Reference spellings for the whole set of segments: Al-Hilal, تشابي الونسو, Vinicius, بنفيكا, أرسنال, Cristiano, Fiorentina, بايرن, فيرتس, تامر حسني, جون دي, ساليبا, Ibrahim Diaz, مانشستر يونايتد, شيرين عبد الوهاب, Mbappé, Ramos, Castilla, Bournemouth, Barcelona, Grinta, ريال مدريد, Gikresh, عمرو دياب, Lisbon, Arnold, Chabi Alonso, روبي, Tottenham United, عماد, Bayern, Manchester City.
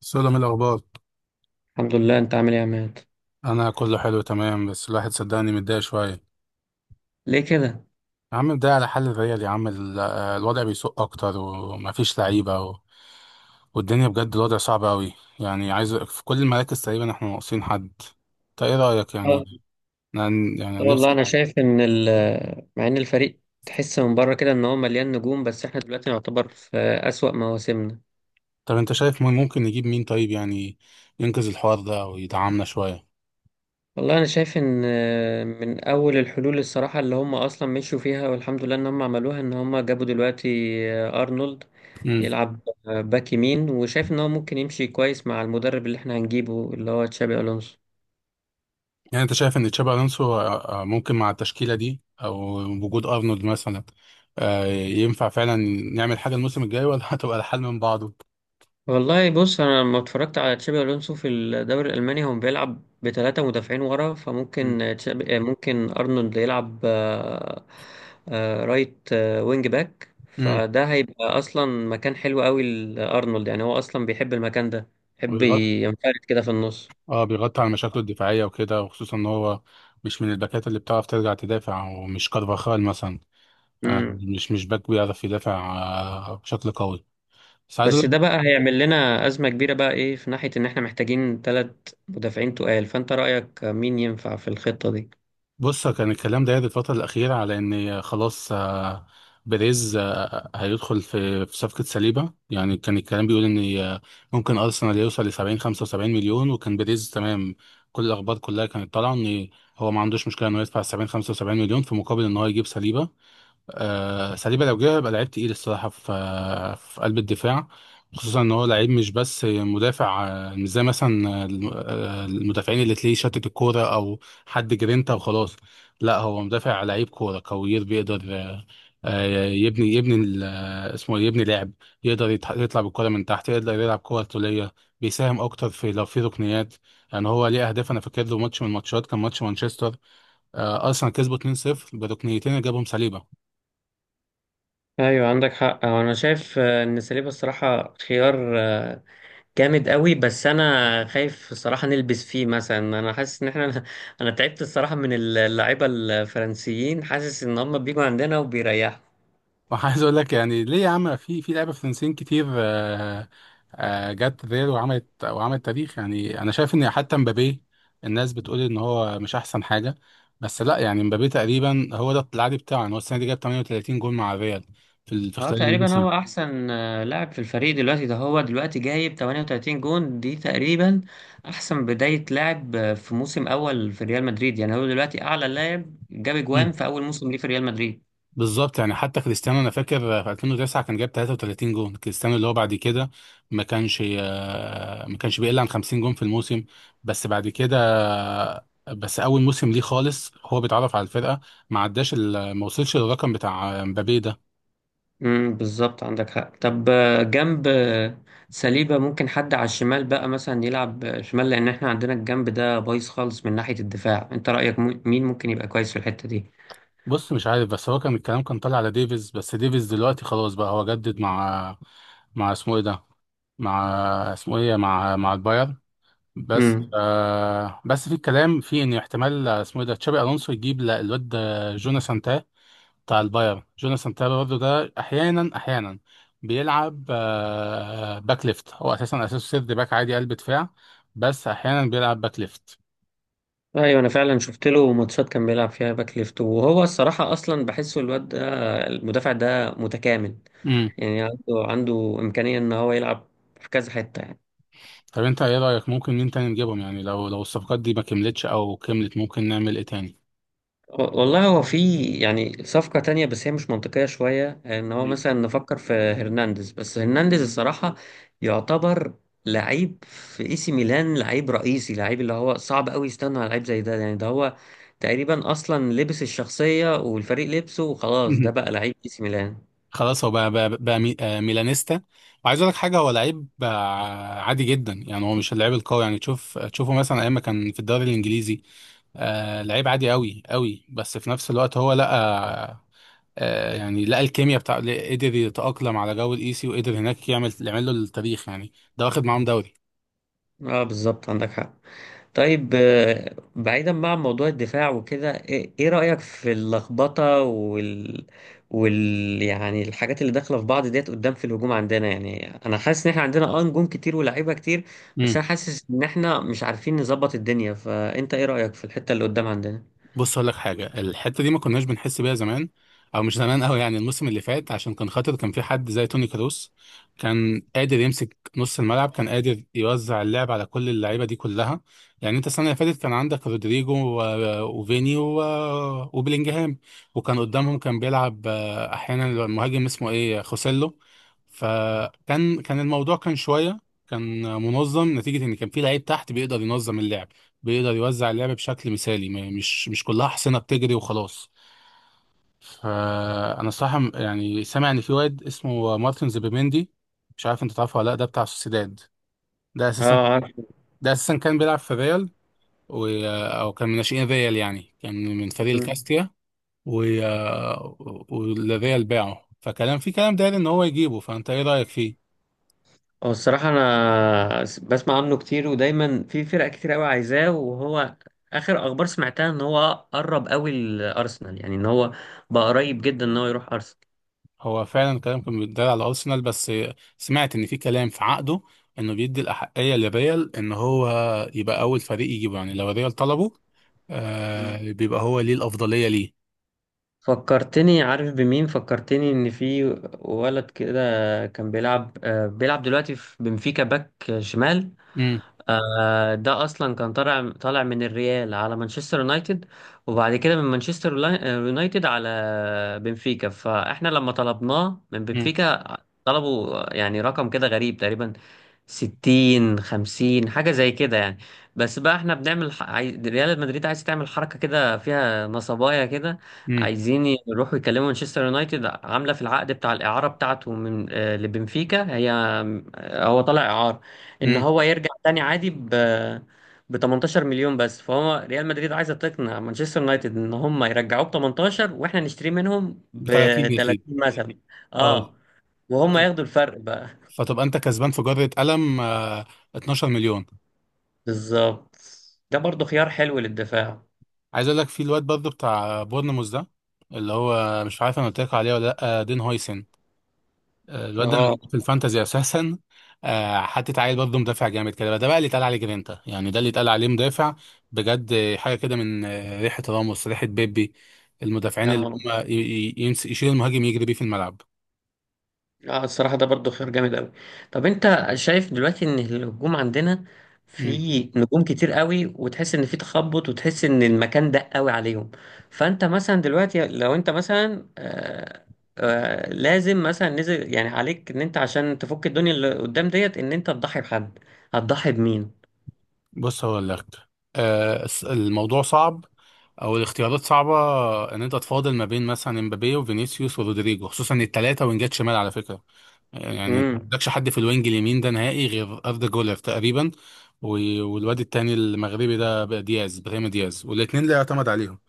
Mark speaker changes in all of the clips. Speaker 1: سلام الأخبار.
Speaker 2: الحمد لله، انت عامل ايه يا عماد؟
Speaker 1: أنا كله حلو تمام، بس الواحد صدقني متضايق شوية.
Speaker 2: ليه كده؟
Speaker 1: يا عم متضايق على حل الريال يا عم الوضع بيسوء أكتر ومفيش لعيبة والدنيا بجد الوضع صعب أوي. يعني عايز في كل المراكز تقريبا إحنا ناقصين حد. أنت إيه رأيك
Speaker 2: اه.
Speaker 1: يعني؟ أنا، يعني
Speaker 2: لا
Speaker 1: أنا
Speaker 2: والله،
Speaker 1: نفسي.
Speaker 2: انا شايف ان مع ان الفريق تحس من بره كده ان هو مليان نجوم، بس احنا دلوقتي نعتبر في اسوأ مواسمنا.
Speaker 1: طب أنت شايف مين ممكن نجيب مين طيب يعني؟ ينقذ الحوار ده أو يدعمنا شوية.
Speaker 2: والله انا شايف ان من اول الحلول الصراحة اللي هم اصلا مشوا فيها، والحمد لله ان هم عملوها، ان هم جابوا دلوقتي ارنولد يلعب باك يمين، وشايف ان هو ممكن يمشي كويس مع المدرب اللي احنا هنجيبه اللي هو تشابي الونسو.
Speaker 1: يعني انت شايف ان تشابي الونسو ممكن مع التشكيله دي او وجود ارنولد مثلا ينفع فعلا نعمل حاجه الموسم الجاي ولا هتبقى الحال من بعضه؟
Speaker 2: والله بص، انا لما اتفرجت على تشابي الونسو في الدوري الالماني هو بيلعب بثلاثه مدافعين ورا،
Speaker 1: مم.
Speaker 2: فممكن تشابي ممكن ارنولد يلعب رايت وينج باك،
Speaker 1: امم.
Speaker 2: فده هيبقى اصلا مكان حلو قوي لارنولد. يعني هو اصلا بيحب المكان ده، بيحب
Speaker 1: وبيغطي،
Speaker 2: ينفرد كده في النص.
Speaker 1: اه بيغطي على مشاكله الدفاعيه وكده، وخصوصا ان هو مش من الباكات اللي بتعرف ترجع تدافع ومش كارفاخال مثلا.
Speaker 2: مم.
Speaker 1: مش باك بيعرف يدافع بشكل قوي. بس عايز
Speaker 2: بس
Speaker 1: اقول.
Speaker 2: ده بقى هيعمل لنا ازمه كبيره بقى ايه في ناحيه ان احنا محتاجين 3 مدافعين تقال. فانت رايك مين ينفع في الخطه دي؟
Speaker 1: بص، كان الكلام ده الفترة الأخيرة على إن خلاص بيريز هيدخل في صفقة سليبة. يعني كان الكلام بيقول إن ممكن أرسنال يوصل لسبعين خمسة وسبعين مليون وكان بيريز تمام. كل الأخبار كلها كانت طالعة إن هو ما عندوش مشكلة إنه يدفع سبعين خمسة وسبعين مليون في مقابل إن هو يجيب سليبة. ساليبا لو جه هيبقى لعيب تقيل الصراحه في قلب الدفاع، خصوصا ان هو لعيب مش بس مدافع مش زي مثلا المدافعين اللي تلاقيه شتت الكوره او حد جرينتا وخلاص. لا، هو مدافع لعيب كوره كوير بيقدر يبني اسمه إيه؟ يبني لعب. يقدر يطلع بالكوره من تحت، يقدر يلعب كوره طوليه. بيساهم اكتر في لو في ركنيات، يعني هو ليه اهداف. انا فاكر له ماتش من الماتشات كان ماتش مانشستر، ارسنال كسبوا 2-0 بركنيتين اللي جابهم ساليبا.
Speaker 2: ايوه، عندك حق. هو انا شايف ان ساليبا الصراحه خيار جامد قوي، بس انا خايف الصراحه نلبس فيه. مثلا انا حاسس ان احنا انا تعبت الصراحه من اللعيبه الفرنسيين، حاسس ان هم بيجوا عندنا وبيريحوا.
Speaker 1: وعايز اقول لك يعني ليه يا عم في لعيبه فرنسيين كتير جت ريال وعملت تاريخ. يعني انا شايف ان حتى مبابي الناس بتقول ان هو مش احسن حاجه، بس لا. يعني مبابي تقريبا هو ده العادي بتاعه، يعني هو السنه دي جاب 38 جول مع الريال في
Speaker 2: اه،
Speaker 1: خلال
Speaker 2: تقريبا
Speaker 1: الموسم.
Speaker 2: هو احسن لاعب في الفريق دلوقتي. ده هو دلوقتي جايب 38 جون، دي تقريبا احسن بدايه لاعب في موسم اول في ريال مدريد. يعني هو دلوقتي اعلى لاعب جاب جوان في اول موسم ليه في ريال مدريد.
Speaker 1: بالظبط، يعني حتى كريستيانو انا فاكر في 2009 كان جاب 33 جون، كريستيانو اللي هو بعد كده ما كانش بيقل عن 50 جون في الموسم. بس بعد كده، بس اول موسم ليه خالص هو بيتعرف على الفرقه ما عداش ال- ما وصلش للرقم بتاع مبابي ده.
Speaker 2: امم، بالظبط، عندك حق. طب جنب سليبة، ممكن حد على الشمال بقى مثلا يلعب شمال، لأن احنا عندنا الجنب ده بايظ خالص من ناحية الدفاع. انت رأيك مين ممكن يبقى كويس في الحتة دي؟
Speaker 1: بص مش عارف بس هو كان الكلام كان طالع على ديفيز، بس ديفيز دلوقتي خلاص بقى، هو جدد مع، مع اسمه ايه ده، مع، اسمه ايه، مع البايرن. بس
Speaker 2: امم.
Speaker 1: آه بس في الكلام في ان احتمال، اسمه ايه ده تشابي الونسو يجيب الواد جوناثان تاه بتاع البايرن. جوناثان تاه برضه ده احيانا بيلعب باك ليفت. هو اساسا، اساسه سيرد باك عادي قلب دفاع، بس احيانا بيلعب باك ليفت.
Speaker 2: ايوه، انا فعلا شفت له ماتشات كان بيلعب فيها باك ليفت، وهو الصراحة اصلا بحسه الواد ده المدافع ده متكامل.
Speaker 1: امم.
Speaker 2: يعني عنده إمكانية ان هو يلعب في كذا حتة يعني.
Speaker 1: طب انت ايه رايك ممكن مين تاني نجيبهم؟ يعني لو لو الصفقات دي ما كملتش او كملت ممكن نعمل ايه تاني؟
Speaker 2: والله هو في يعني صفقة تانية بس هي مش منطقية شوية، ان هو
Speaker 1: مم.
Speaker 2: مثلا نفكر في هرنانديز. بس هرنانديز الصراحة يعتبر لعيب في اي سي ميلان، لعيب رئيسي، لعيب اللي هو صعب قوي يستنى على لعيب زي ده. يعني ده هو تقريبا اصلا لبس الشخصية والفريق لبسه وخلاص، ده بقى لعيب اي سي ميلان.
Speaker 1: خلاص هو بقى ميلانيستا. وعايز اقول لك حاجه، هو لعيب عادي جدا. يعني هو مش اللعيب القوي. يعني تشوفه مثلا ايام ما كان في الدوري الانجليزي لعيب عادي قوي قوي، بس في نفس الوقت هو لقى الكيمياء بتاع قدر يتاقلم على جو الايسي، وقدر هناك يعمل له التاريخ، يعني ده واخد معاهم دوري.
Speaker 2: اه، بالظبط، عندك حق. طيب بعيدا بقى عن موضوع الدفاع وكده، إيه رأيك في اللخبطة وال يعني الحاجات اللي داخلة في بعض ديت قدام في الهجوم عندنا؟ يعني انا حاسس ان احنا عندنا نجوم كتير ولاعيبة كتير، بس انا حاسس ان احنا مش عارفين نظبط الدنيا. فانت ايه رأيك في الحتة اللي قدام عندنا؟
Speaker 1: بص اقول لك حاجه، الحته دي ما كناش بنحس بيها زمان، او مش زمان قوي يعني، الموسم اللي فات عشان كان خاطر كان في حد زي توني كروس كان قادر يمسك نص الملعب، كان قادر يوزع اللعب على كل اللعيبه دي كلها. يعني انت السنه اللي فاتت كان عندك رودريجو وفيني وبلينجهام، وكان قدامهم كان بيلعب احيانا المهاجم اسمه ايه خوسيلو. فكان الموضوع كان شويه، كان منظم، نتيجه ان كان في لعيب تحت بيقدر ينظم اللعب، بيقدر يوزع اللعب بشكل مثالي. مش كلها حصينة بتجري وخلاص. فأنا صراحة يعني سامع إن في واد اسمه مارتن زوبيميندي. مش عارف أنت تعرفه ولا لأ، ده بتاع سوسيداد. ده أساسا
Speaker 2: اه،
Speaker 1: ده أساسا كان بيلعب في ريال، و... أو كان من ناشئين ريال، يعني كان من فريق
Speaker 2: عارف.
Speaker 1: الكاستيا، و... والريال باعه. فكلام في كلام داير إن هو يجيبه. فأنت إيه رأيك فيه؟
Speaker 2: هو الصراحة أنا بسمع عنه كتير، ودايما في فرق كتير أوي عايزاه. وهو آخر أخبار سمعتها إن هو قرب أوي لأرسنال، يعني إن هو بقى قريب جدا إن هو يروح أرسنال.
Speaker 1: هو فعلا كلام كان بيتدار على ارسنال، بس سمعت ان في كلام في عقده انه بيدي الاحقيه للريال ان هو يبقى اول فريق يجيبه، يعني لو الريال طلبه
Speaker 2: مم.
Speaker 1: بيبقى هو ليه الافضليه ليه.
Speaker 2: فكرتني. عارف بمين فكرتني؟ إن في ولد كده كان بيلعب دلوقتي في بنفيكا باك شمال.
Speaker 1: امم.
Speaker 2: ده اصلا كان طالع من الريال على مانشستر يونايتد، وبعد كده من مانشستر يونايتد على بنفيكا. فاحنا لما طلبناه من
Speaker 1: امم.
Speaker 2: بنفيكا طلبوا يعني رقم كده غريب تقريبا، 60 50 حاجة زي كده يعني. بس بقى احنا ريال مدريد عايز تعمل حركة كده فيها نصبايا كده.
Speaker 1: امم.
Speaker 2: عايزين يروحوا يكلموا مانشستر يونايتد، عاملة في العقد بتاع الإعارة بتاعته من لبنفيكا، هي آه، هو طالع إعارة، إن
Speaker 1: امم.
Speaker 2: هو يرجع تاني عادي ب 18 مليون بس. فهو ريال مدريد عايزة تقنع مانشستر يونايتد إن هم يرجعوه ب 18، واحنا نشتريه منهم ب
Speaker 1: ب 30 يا سيدي.
Speaker 2: 30 مثلا.
Speaker 1: اه.
Speaker 2: اه. وهم ياخدوا الفرق بقى.
Speaker 1: فتبقى انت كسبان في جره قلم 12 مليون.
Speaker 2: بالظبط. ده برضو خيار حلو للدفاع.
Speaker 1: عايز اقول لك في الواد برضه بتاع بورنموث ده، اللي هو مش عارف انا قلت لك عليه ولا لا، دين هويسن. الواد ده أنا
Speaker 2: اه.
Speaker 1: جبته في الفانتازي اساسا. حطيت عيل برضه مدافع جامد كده بقى. ده بقى اللي اتقال عليه جرينتا، يعني ده اللي اتقال عليه مدافع بجد حاجه كده من ريحه راموس، ريحه بيبي. المدافعين اللي
Speaker 2: اه.
Speaker 1: هم يشيل المهاجم يجري بيه في الملعب.
Speaker 2: اه، الصراحة ده برضو خيار جامد قوي. طب انت شايف دلوقتي ان الهجوم عندنا
Speaker 1: مم.
Speaker 2: في نجوم كتير قوي، وتحس ان في تخبط وتحس ان المكان ضيق قوي عليهم. فانت مثلا دلوقتي لو انت مثلا لازم مثلا نزل يعني عليك ان انت عشان تفك الدنيا اللي قدام ديت ان انت تضحي بحد، هتضحي بمين؟
Speaker 1: بص هو الاختيار، الموضوع صعب، او الاختيارات صعبه، ان انت تفاضل ما بين مثلا امبابي وفينيسيوس ورودريجو، خصوصا الثلاثه وينجات شمال على فكره. يعني ما
Speaker 2: امم.
Speaker 1: عندكش حد في الوينج اليمين ده نهائي غير أردا جولر تقريبا، والواد التاني المغربي ده بقى دياز، ابراهيم دياز، والاثنين لا يعتمد عليهم.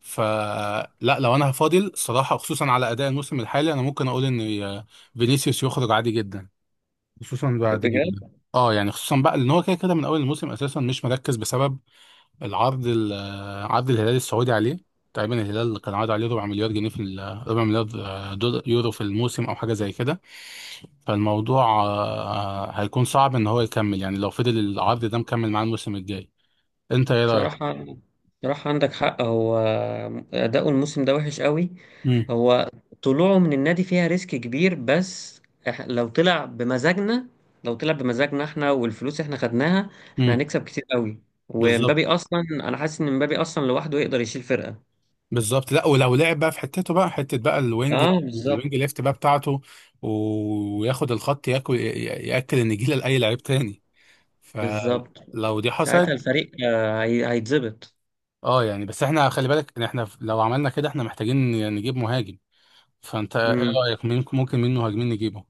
Speaker 1: فلا، لو انا هفاضل صراحة خصوصا على اداء الموسم الحالي انا ممكن اقول ان فينيسيوس يخرج عادي جدا، خصوصا بعد.
Speaker 2: بجد؟
Speaker 1: اه يعني خصوصا بقى ان هو كده كده من اول الموسم اساسا مش مركز بسبب العرض ال- عرض الهلال السعودي عليه. تقريبا الهلال كان عارض عليه ربع مليار جنيه، ربع مليار دولار يورو في الموسم او حاجه زي كده. فالموضوع هيكون صعب ان هو يكمل، يعني لو فضل العرض ده مكمل معاه الموسم الجاي. انت ايه رايك؟
Speaker 2: بصراحة بصراحة عندك حق. هو أداؤه الموسم ده وحش قوي.
Speaker 1: امم.
Speaker 2: هو طلوعه من النادي فيها ريسك كبير، بس لو طلع بمزاجنا، لو طلع بمزاجنا احنا والفلوس احنا خدناها احنا
Speaker 1: امم.
Speaker 2: هنكسب كتير قوي.
Speaker 1: بالظبط.
Speaker 2: ومبابي أصلا أنا حاسس إن مبابي أصلا لوحده يقدر يشيل فرقة.
Speaker 1: بالظبط، لا، ولو لعب بقى في حتته بقى، حته بقى الوينج
Speaker 2: اه، بالظبط.
Speaker 1: الوينج ليفت بقى بتاعته، وياخد الخط ياكل ياكل النجيله لاي لعيب تاني.
Speaker 2: بالظبط،
Speaker 1: فلو دي
Speaker 2: ساعتها
Speaker 1: حصلت،
Speaker 2: الفريق هيتظبط.
Speaker 1: اه، يعني بس احنا خلي بالك إن احنا لو عملنا كده احنا محتاجين نجيب مهاجم. فانت ايه رأيك ممكن مين مهاجمين نجيبه؟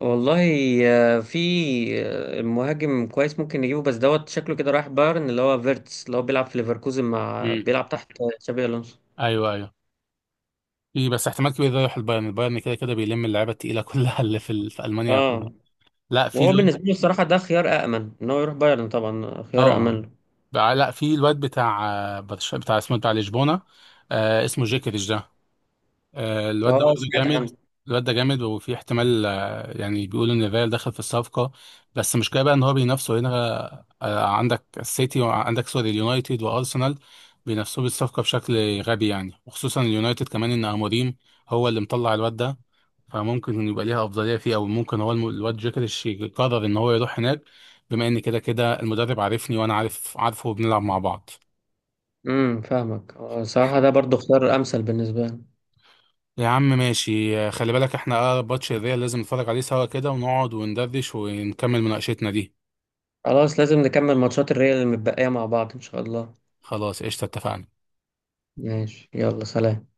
Speaker 2: والله في مهاجم كويس ممكن نجيبه، بس دوت شكله كده رايح بايرن، اللي هو فيرتس اللي هو بيلعب في ليفركوزن مع
Speaker 1: مم.
Speaker 2: بيلعب تحت تشابي الونسو.
Speaker 1: ايوه، ايوه. في بس احتمال كبير ده يروح البايرن. كده كده بيلم اللعيبه التقيله كلها اللي في المانيا ياخدها.
Speaker 2: اه.
Speaker 1: لا، في
Speaker 2: وهو
Speaker 1: الواد.
Speaker 2: بالنسبه لي الصراحه ده خيار امن، ان هو يروح بايرن طبعا خيار
Speaker 1: اه
Speaker 2: امن.
Speaker 1: لا في الواد بتاع برشلونه بتاع، اسمه بتاع لشبونه، اسمه جيكريش ده.
Speaker 2: له
Speaker 1: الواد ده
Speaker 2: اه،
Speaker 1: برضه
Speaker 2: سمعت
Speaker 1: جامد.
Speaker 2: عنه.
Speaker 1: الواد ده جامد، وفي احتمال يعني بيقولوا ان فيال دخل في الصفقة. بس المشكلة بقى ان هو بينافسوا هنا، عندك السيتي وعندك سوري اليونايتد وارسنال بينافسوه بالصفقة بشكل غبي يعني. وخصوصا اليونايتد كمان ان اموريم هو اللي مطلع الواد ده، فممكن إن يبقى ليها افضلية فيه، او ممكن هو الواد جيكريش يقرر ان هو يروح هناك، بما ان كده كده المدرب عارفني وانا عارف عارفه وبنلعب مع بعض.
Speaker 2: امم، فاهمك. الصراحه ده برضو خيار امثل بالنسبه لي.
Speaker 1: يا عم ماشي، خلي بالك احنا اقرب ماتش الريال لازم نتفرج عليه سوا كده ونقعد وندردش ونكمل مناقشتنا دي.
Speaker 2: خلاص، لازم نكمل ماتشات الريال المتبقيه مع بعض ان شاء الله.
Speaker 1: خلاص قشطة اتفقنا.
Speaker 2: ماشي، يلا سلام.